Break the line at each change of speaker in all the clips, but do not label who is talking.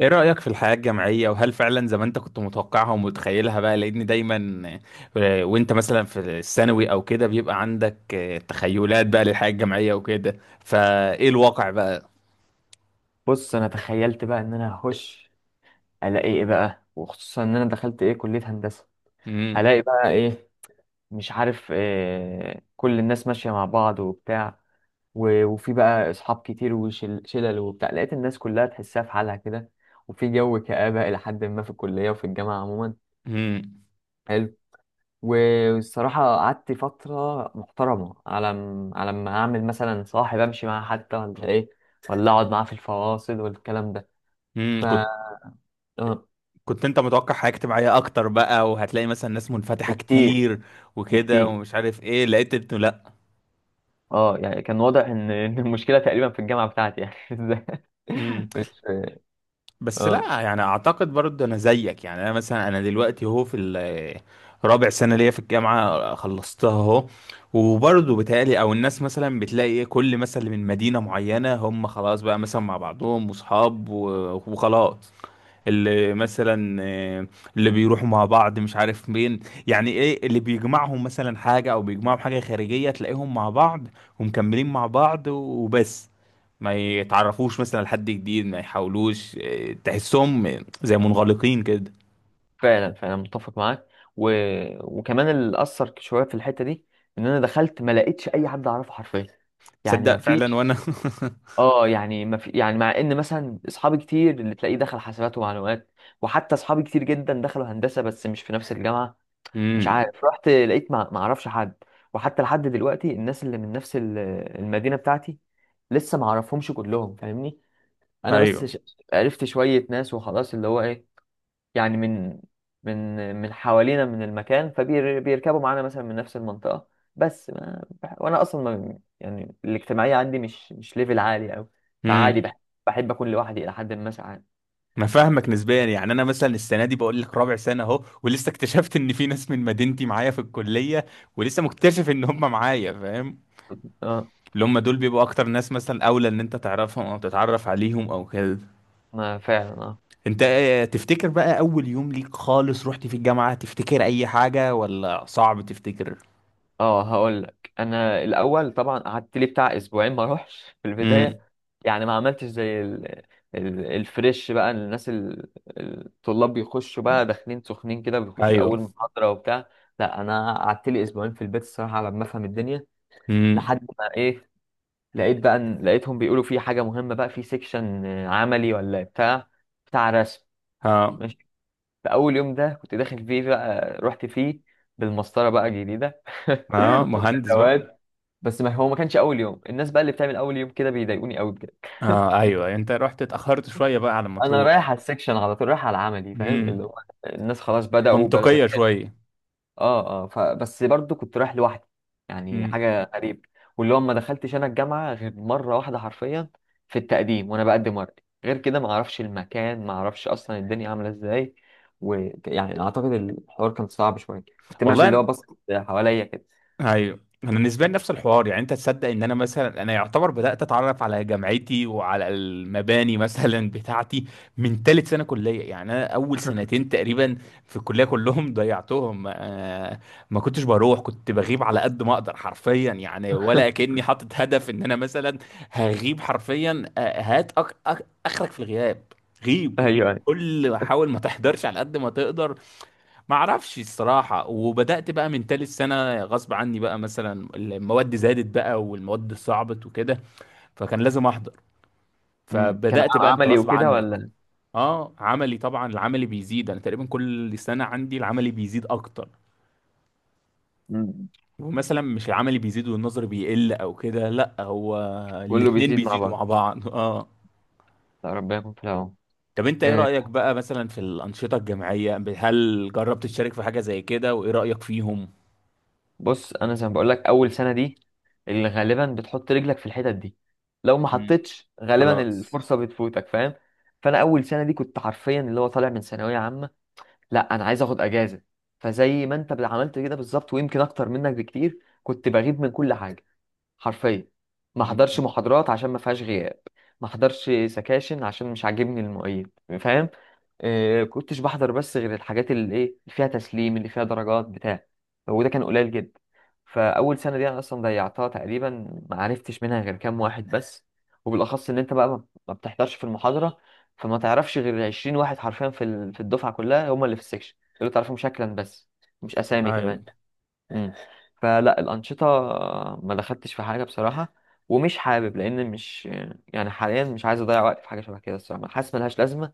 ايه رأيك في الحياة الجامعية؟ وهل فعلا زي ما انت كنت متوقعها ومتخيلها بقى؟ لان دايما، وانت مثلا في الثانوي او كده بيبقى عندك تخيلات بقى للحياة الجامعية وكده، فايه الواقع بقى؟
بص، انا تخيلت بقى ان انا هخش الاقي ايه بقى، وخصوصا ان انا دخلت ايه كلية هندسة.
امم.
هلاقي بقى ايه؟ مش عارف إيه، كل الناس ماشية مع بعض وبتاع وفي بقى اصحاب كتير وشلل وبتاع. لقيت الناس كلها تحسها في حالها كده، وفي جو كآبة الى حد ما في الكلية وفي الجامعة عموما.
امم.
حلو. والصراحة قعدت فترة محترمة على ما اعمل مثلا صاحب امشي معاه حتى ولا ايه، ولا اقعد معاه في الفواصل والكلام ده.
امم.
ف
كنت انت متوقع حياة اجتماعية اكتر بقى، وهتلاقي مثلا ناس منفتحة
بكتير.
كتير وكده؟
بكتير.
ومش عارف ايه، لقيت انه
اه، يعني كان واضح ان إن المشكله تقريبا في الجامعه بتاعتي، يعني ازاي؟
لا.
مش
بس
اه،
لا يعني، اعتقد برضه انا زيك. يعني انا مثلا، انا دلوقتي اهو في رابع سنه ليا في الجامعه، خلصتها اهو. وبرضه بتهيألي، او الناس مثلا بتلاقي ايه، كل مثلا من مدينه معينه هم خلاص بقى مثلا مع بعضهم واصحاب و- وخلاص. اللي مثلا، اللي بيروحوا مع بعض مش عارف مين. يعني ايه اللي بيجمعهم؟ مثلا حاجة او بيجمعهم حاجة خارجية، تلاقيهم مع بعض ومكملين مع بعض وبس. ما يتعرفوش مثلا لحد جديد، ما يحاولوش، تحسهم زي منغلقين كده.
فعلا فعلا متفق معاك. و... وكمان اللي اثر شويه في الحته دي، ان انا دخلت ما لقيتش اي حد اعرفه حرفيا. يعني ما
تصدق فعلا،
فيش،
وانا
اه يعني ما في، يعني مع ان مثلا اصحابي كتير اللي تلاقيه دخل حاسبات ومعلومات، وحتى اصحابي كتير جدا دخلوا هندسه بس مش في نفس الجامعه. مش
امم.
عارف، رحت لقيت ما اعرفش حد. وحتى لحد دلوقتي الناس اللي من نفس المدينه بتاعتي، لسه ما اعرفهمش كلهم، فاهمني؟ انا بس
ايوه.
ش... عرفت شويه ناس وخلاص، اللي هو ايه، يعني من من حوالينا، من المكان، فبيركبوا معانا مثلا من نفس المنطقه. بس ما... بح- وانا اصلا ما... يعني الاجتماعيه عندي مش ليفل عالي قوي. فعادي
امم.
بح... بحب اكون لوحدي الى حد ما ساعات.
انا فاهمك نسبيا. يعني انا مثلا السنه دي، بقول لك رابع سنه اهو، ولسه اكتشفت ان في ناس من مدينتي معايا في الكليه، ولسه مكتشف ان هم معايا، فاهم؟
اه.
اللي هم دول بيبقوا اكتر ناس مثلا اولى ان انت تعرفهم، او تتعرف عليهم او كده.
ما فعلا. اه
انت تفتكر بقى اول يوم ليك خالص رحت في الجامعة؟ تفتكر اي حاجة ولا صعب تفتكر؟
اه، هقول لك انا الاول طبعا قعدت لي بتاع اسبوعين ما اروحش في
امم.
البدايه، يعني ما عملتش زي الفريش بقى، الناس الطلاب بيخشوا بقى داخلين سخنين كده بيخشوا
ايوه.
اول محاضره وبتاع. لا انا قعدت لي اسبوعين في البيت الصراحه على ما افهم الدنيا.
امم.
لحد ما ايه، لقيت بقى لقيتهم بيقولوا في حاجه مهمه بقى في سيكشن عملي ولا بتاع، بتاع رسم.
ها.
ماشي. فاول يوم ده كنت داخل فيه بقى، رحت فيه بالمسطره بقى الجديده
ها، مهندس بقى.
والادوات. بس ما هو ما كانش اول يوم. الناس بقى اللي بتعمل اول يوم كده بيضايقوني قوي بجد.
اه ايوه، انت رحت اتاخرت شويه بقى على ما
انا
تروح.
رايح على السكشن على طول، رايح على العملي، فاهم
امم،
اللي هو الناس خلاص بداوا
منطقيه
يحلوا.
شويه.
اه اه، فبس برضو كنت رايح لوحدي، يعني
امم.
حاجه غريبه. واللي هو ما دخلتش انا الجامعه غير مره واحده حرفيا، في التقديم وانا بقدم ورقي، غير كده ما اعرفش المكان، ما اعرفش اصلا الدنيا عامله ازاي. ويعني اعتقد الحوار كان صعب شويه، كنت ماشي اللي هو
والله.
بص حواليا كده.
ايوه. انا بالنسبه لي نفس الحوار. يعني انت تصدق ان انا مثلا، انا يعتبر بدات اتعرف على جامعتي وعلى المباني مثلا بتاعتي من ثالث سنه كليه؟ يعني انا اول سنتين تقريبا في الكليه كلهم ضيعتهم. ما كنتش بروح، كنت بغيب على قد ما اقدر حرفيا، يعني ولا كاني حاطط هدف ان انا مثلا هغيب حرفيا. هات اخرك في الغياب. غيب
ايوه،
غيب.
أيوة.
كل، حاول ما تحضرش على قد ما تقدر. ما اعرفش الصراحة، وبدأت بقى من تالت سنة غصب عني، بقى مثلا المواد زادت بقى والمواد صعبت وكده، فكان لازم احضر.
مم. كان
فبدأت بقى انت
عملي
غصب
وكده
عنك.
ولا؟
اه عملي طبعا، العملي بيزيد. انا تقريبا كل سنة عندي العملي بيزيد اكتر.
مم.
ومثلا مش العملي بيزيد والنظري بيقل او كده، لا، هو
كله
الاتنين
بيزيد مع
بيزيدوا
بعض.
مع بعض. اه.
لا ربنا يكون في العون.
طب انت ايه
آه،
رأيك بقى مثلا في الأنشطة الجامعية؟ هل جربت تشارك في حاجة زي كده؟ وايه رأيك فيهم؟
بص، انا زي ما بقول لك اول سنه دي اللي غالبا بتحط رجلك في الحتت دي، لو ما
مم.
حطيتش غالبا
خلاص.
الفرصه بتفوتك، فاهم؟ فانا اول سنه دي كنت حرفيا اللي هو طالع من ثانويه عامه، لا انا عايز اخد اجازه. فزي ما انت عملت كده بالظبط، ويمكن اكتر منك بكتير، كنت بغيب من كل حاجه حرفيا. ما حضرش
مم.
محاضرات عشان ما فيهاش غياب، ما حضرش سكاشن عشان مش عاجبني المعيد، فاهم؟ آه كنتش بحضر بس غير الحاجات اللي ايه، اللي فيها تسليم، اللي فيها درجات بتاع وده كان قليل جدا. فاول سنه دي انا اصلا ضيعتها تقريبا، ما عرفتش منها غير كام واحد بس. وبالاخص ان انت بقى ما بتحضرش في المحاضره، فما تعرفش غير 20 واحد حرفيا في في الدفعه كلها، هم اللي في السكشن اللي تعرفهم شكلا بس، مش اسامي كمان.
ايوه.
مم. فلا، الأنشطة ما دخلتش في حاجة بصراحة، ومش حابب، لأن مش، يعني حاليا مش عايز أضيع وقت في حاجة شبه كده الصراحة، حاسس ملهاش لازمة.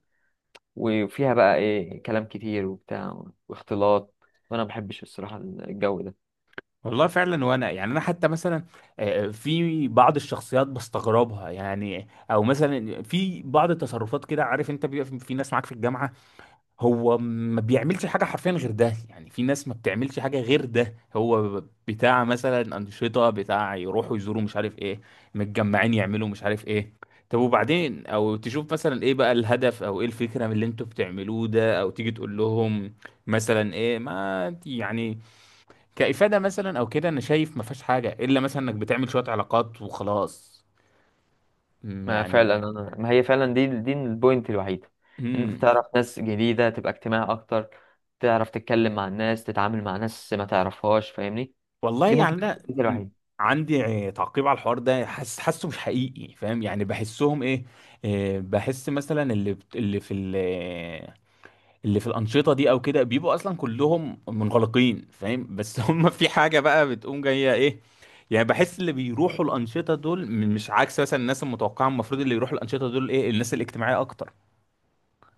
وفيها بقى إيه، كلام كتير وبتاع واختلاط، وأنا ما بحبش الصراحة الجو ده.
والله فعلا. وانا يعني انا حتى مثلا، في بعض الشخصيات بستغربها، يعني او مثلا في بعض التصرفات كده. عارف انت بيبقى في ناس معاك في الجامعه، هو ما بيعملش حاجه حرفيا غير ده. يعني في ناس ما بتعملش حاجه غير ده، هو بتاع مثلا انشطه بتاع، يروحوا يزوروا مش عارف ايه، متجمعين يعملوا مش عارف ايه. طب وبعدين؟ او تشوف مثلا ايه بقى الهدف، او ايه الفكره من اللي انتوا بتعملوه ده؟ او تيجي تقول لهم مثلا ايه ما يعني كإفادة، مثلا او كده. انا شايف ما فيهاش حاجة، الا مثلا انك بتعمل شوية علاقات وخلاص.
ما
يعني.
فعلا. أنا ما هي فعلا دي البوينت الوحيدة، إن أنت
امم.
تعرف ناس جديدة، تبقى اجتماعي أكتر، تعرف تتكلم مع الناس، تتعامل مع ناس ما تعرفهاش، فاهمني؟
والله
دي
يعني
ممكن تكون
انا،
الفكرة الوحيدة.
عندي تعقيب على الحوار ده. حاسه مش حقيقي، فاهم؟ يعني بحسهم ايه، بحس مثلا اللي في اللي في الأنشطة دي او كده، بيبقوا اصلا كلهم منغلقين فاهم، بس هم في حاجة بقى بتقوم جاية ايه. يعني بحس اللي بيروحوا الأنشطة دول مش عكس مثلا الناس المتوقعة. المفروض اللي يروحوا الأنشطة دول ايه الناس الاجتماعية اكتر.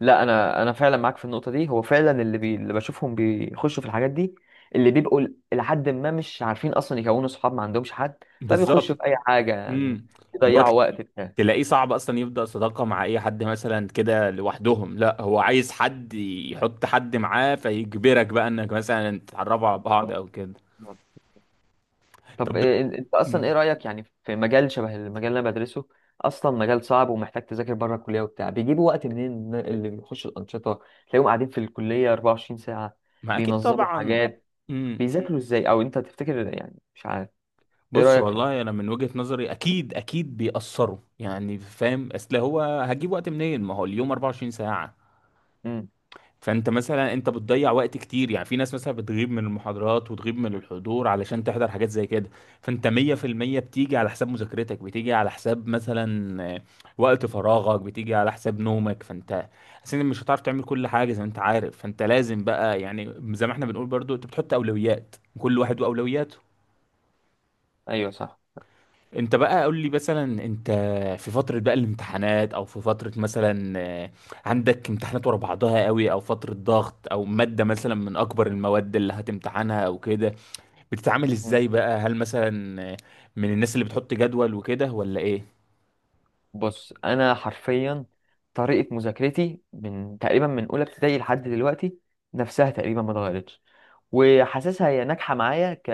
لا انا، انا فعلا معاك في النقطه دي. هو فعلا اللي بي...، اللي بشوفهم بيخشوا في الحاجات دي اللي بيبقوا لحد ما مش عارفين اصلا يكونوا صحاب، ما عندهمش حد، فبيخشوا
بالظبط.
في اي حاجه يعني،
امم. اللي هو
يضيعوا وقت بتاع
تلاقيه صعب اصلا يبدأ صداقة مع اي حد مثلا كده لوحدهم. لا، هو عايز حد يحط حد معاه، فيجبرك بقى انك مثلا تتعرفوا على بعض او كده.
طب،
طب
طب انت اصلا
مم.
ايه رايك يعني في مجال شبه المجال اللي انا بدرسه؟ اصلا مجال صعب ومحتاج تذاكر بره الكليه وبتاع. بيجيبوا وقت منين اللي بيخشوا الانشطه؟ تلاقيهم قاعدين في الكليه 24 ساعه
ما اكيد
بينظموا
طبعا.
حاجات.
امم.
بيذاكروا ازاي او انت تفتكر؟ يعني مش عارف. ايه
بص
رايك في،
والله انا من وجهة نظري اكيد اكيد بيأثروا، يعني فاهم؟ اصل هو هجيب وقت منين؟ ما هو اليوم 24 ساعة.
مم.
فانت مثلا، انت بتضيع وقت كتير. يعني في ناس مثلا بتغيب من المحاضرات وتغيب من الحضور علشان تحضر حاجات زي كده. فانت 100% بتيجي على حساب مذاكرتك، بتيجي على حساب مثلا وقت فراغك، بتيجي على حساب نومك. فانت اصلا مش هتعرف تعمل كل حاجة زي ما انت عارف، فانت لازم بقى، يعني زي ما احنا بنقول برضو، انت بتحط اولويات، كل واحد واولوياته.
ايوه صح.
انت بقى قول لي مثلا، انت في فترة بقى الامتحانات، او في فترة مثلا عندك امتحانات ورا بعضها قوي، او فترة ضغط، او مادة مثلا من اكبر المواد اللي هتمتحنها او كده، بتتعامل ازاي بقى؟ هل مثلا من الناس اللي بتحط جدول وكده ولا ايه؟
بص انا حرفيا طريقه مذاكرتي من تقريبا من اولى ابتدائي لحد دلوقتي نفسها تقريبا، ما اتغيرتش، وحاسسها هي ناجحه معايا ك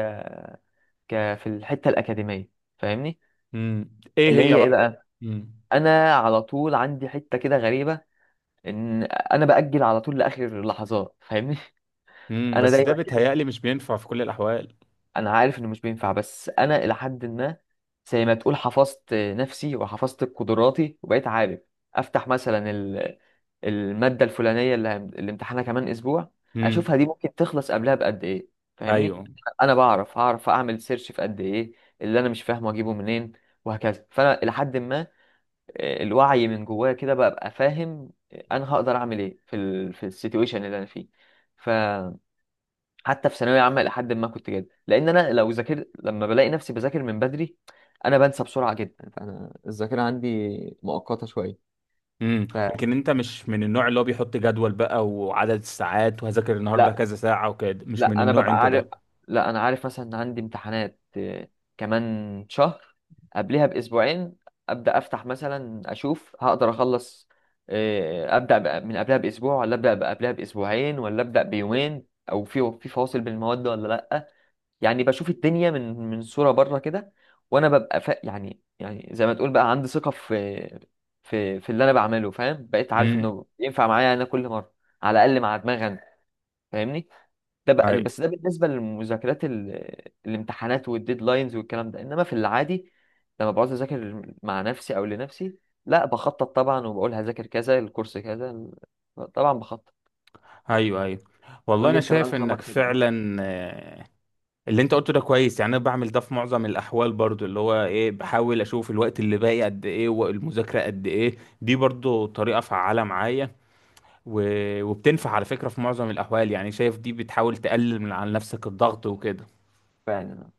ك في الحته الاكاديميه، فاهمني؟
امم. ايه
اللي
هي
هي ايه
بقى؟
بقى،
امم.
انا على طول عندي حته كده غريبه، ان انا باجل على طول لاخر اللحظات، فاهمني؟
امم.
انا
بس ده
دايما،
بيتهيألي مش بينفع في كل الاحوال.
انا عارف انه مش بينفع، بس انا الى حد ما زي ما تقول حفظت نفسي وحفظت قدراتي، وبقيت عارف افتح مثلا المادة الفلانية اللي امتحانها كمان اسبوع،
امم.
اشوفها دي ممكن تخلص قبلها بقد ايه، فاهمني؟
ايوه.
انا بعرف هعرف اعمل سيرش في قد ايه، اللي انا مش فاهمه اجيبه منين، وهكذا. فانا الى حد ما الوعي من جوايا كده بقى فاهم انا هقدر اعمل ايه في في السيتويشن اللي انا فيه. حتى في ثانويه عامه الى حد ما كنت جاد، لان انا لو ذاكرت لما بلاقي نفسي بذاكر من بدري، انا بنسى بسرعه جدا، فانا الذاكره عندي مؤقته شويه.
امم.
فلا،
لكن انت مش من النوع اللي هو بيحط جدول بقى وعدد الساعات، وهذاكر النهارده
لا،
كذا ساعة وكده، مش من
لا، انا
النوع
ببقى
انت ده.
عارف. لا انا عارف مثلا ان عندي امتحانات كمان شهر، قبلها باسبوعين ابدا افتح مثلا اشوف هقدر اخلص، ابدا بقى من قبلها باسبوع، ولا ابدا بقى قبلها باسبوعين، ولا ابدا بيومين، او في فواصل بين المواد ولا لا. يعني بشوف الدنيا من صورة بره كده. وانا ببقى ف...، يعني يعني زي ما تقول بقى عندي ثقة في اللي انا بعمله، فاهم؟ بقيت عارف
امم.
انه ينفع معايا انا كل مرة، على الاقل مع دماغي انا، فاهمني؟ ده بقى،
ايوه.
بس ده بالنسبة للمذاكرات الامتحانات والديدلاينز والكلام ده. انما في العادي لما بقعد اذاكر مع نفسي او لنفسي، لا بخطط طبعا، وبقول هذاكر كذا، الكورس كذا طبعا بخطط.
ايوه. ايوه.
قول
والله
لي
انا
انت بقى
شايف انك
نظامك كده؟ اه
فعلا، اللي انت قلته ده كويس. يعني انا بعمل ده في معظم الاحوال برضو، اللي هو ايه، بحاول اشوف الوقت اللي باقي قد ايه والمذاكره قد ايه، دي برضو طريقه فعاله معايا. و... وبتنفع على فكره في معظم الاحوال. يعني شايف دي بتحاول تقلل من على نفسك الضغط وكده.
فعلا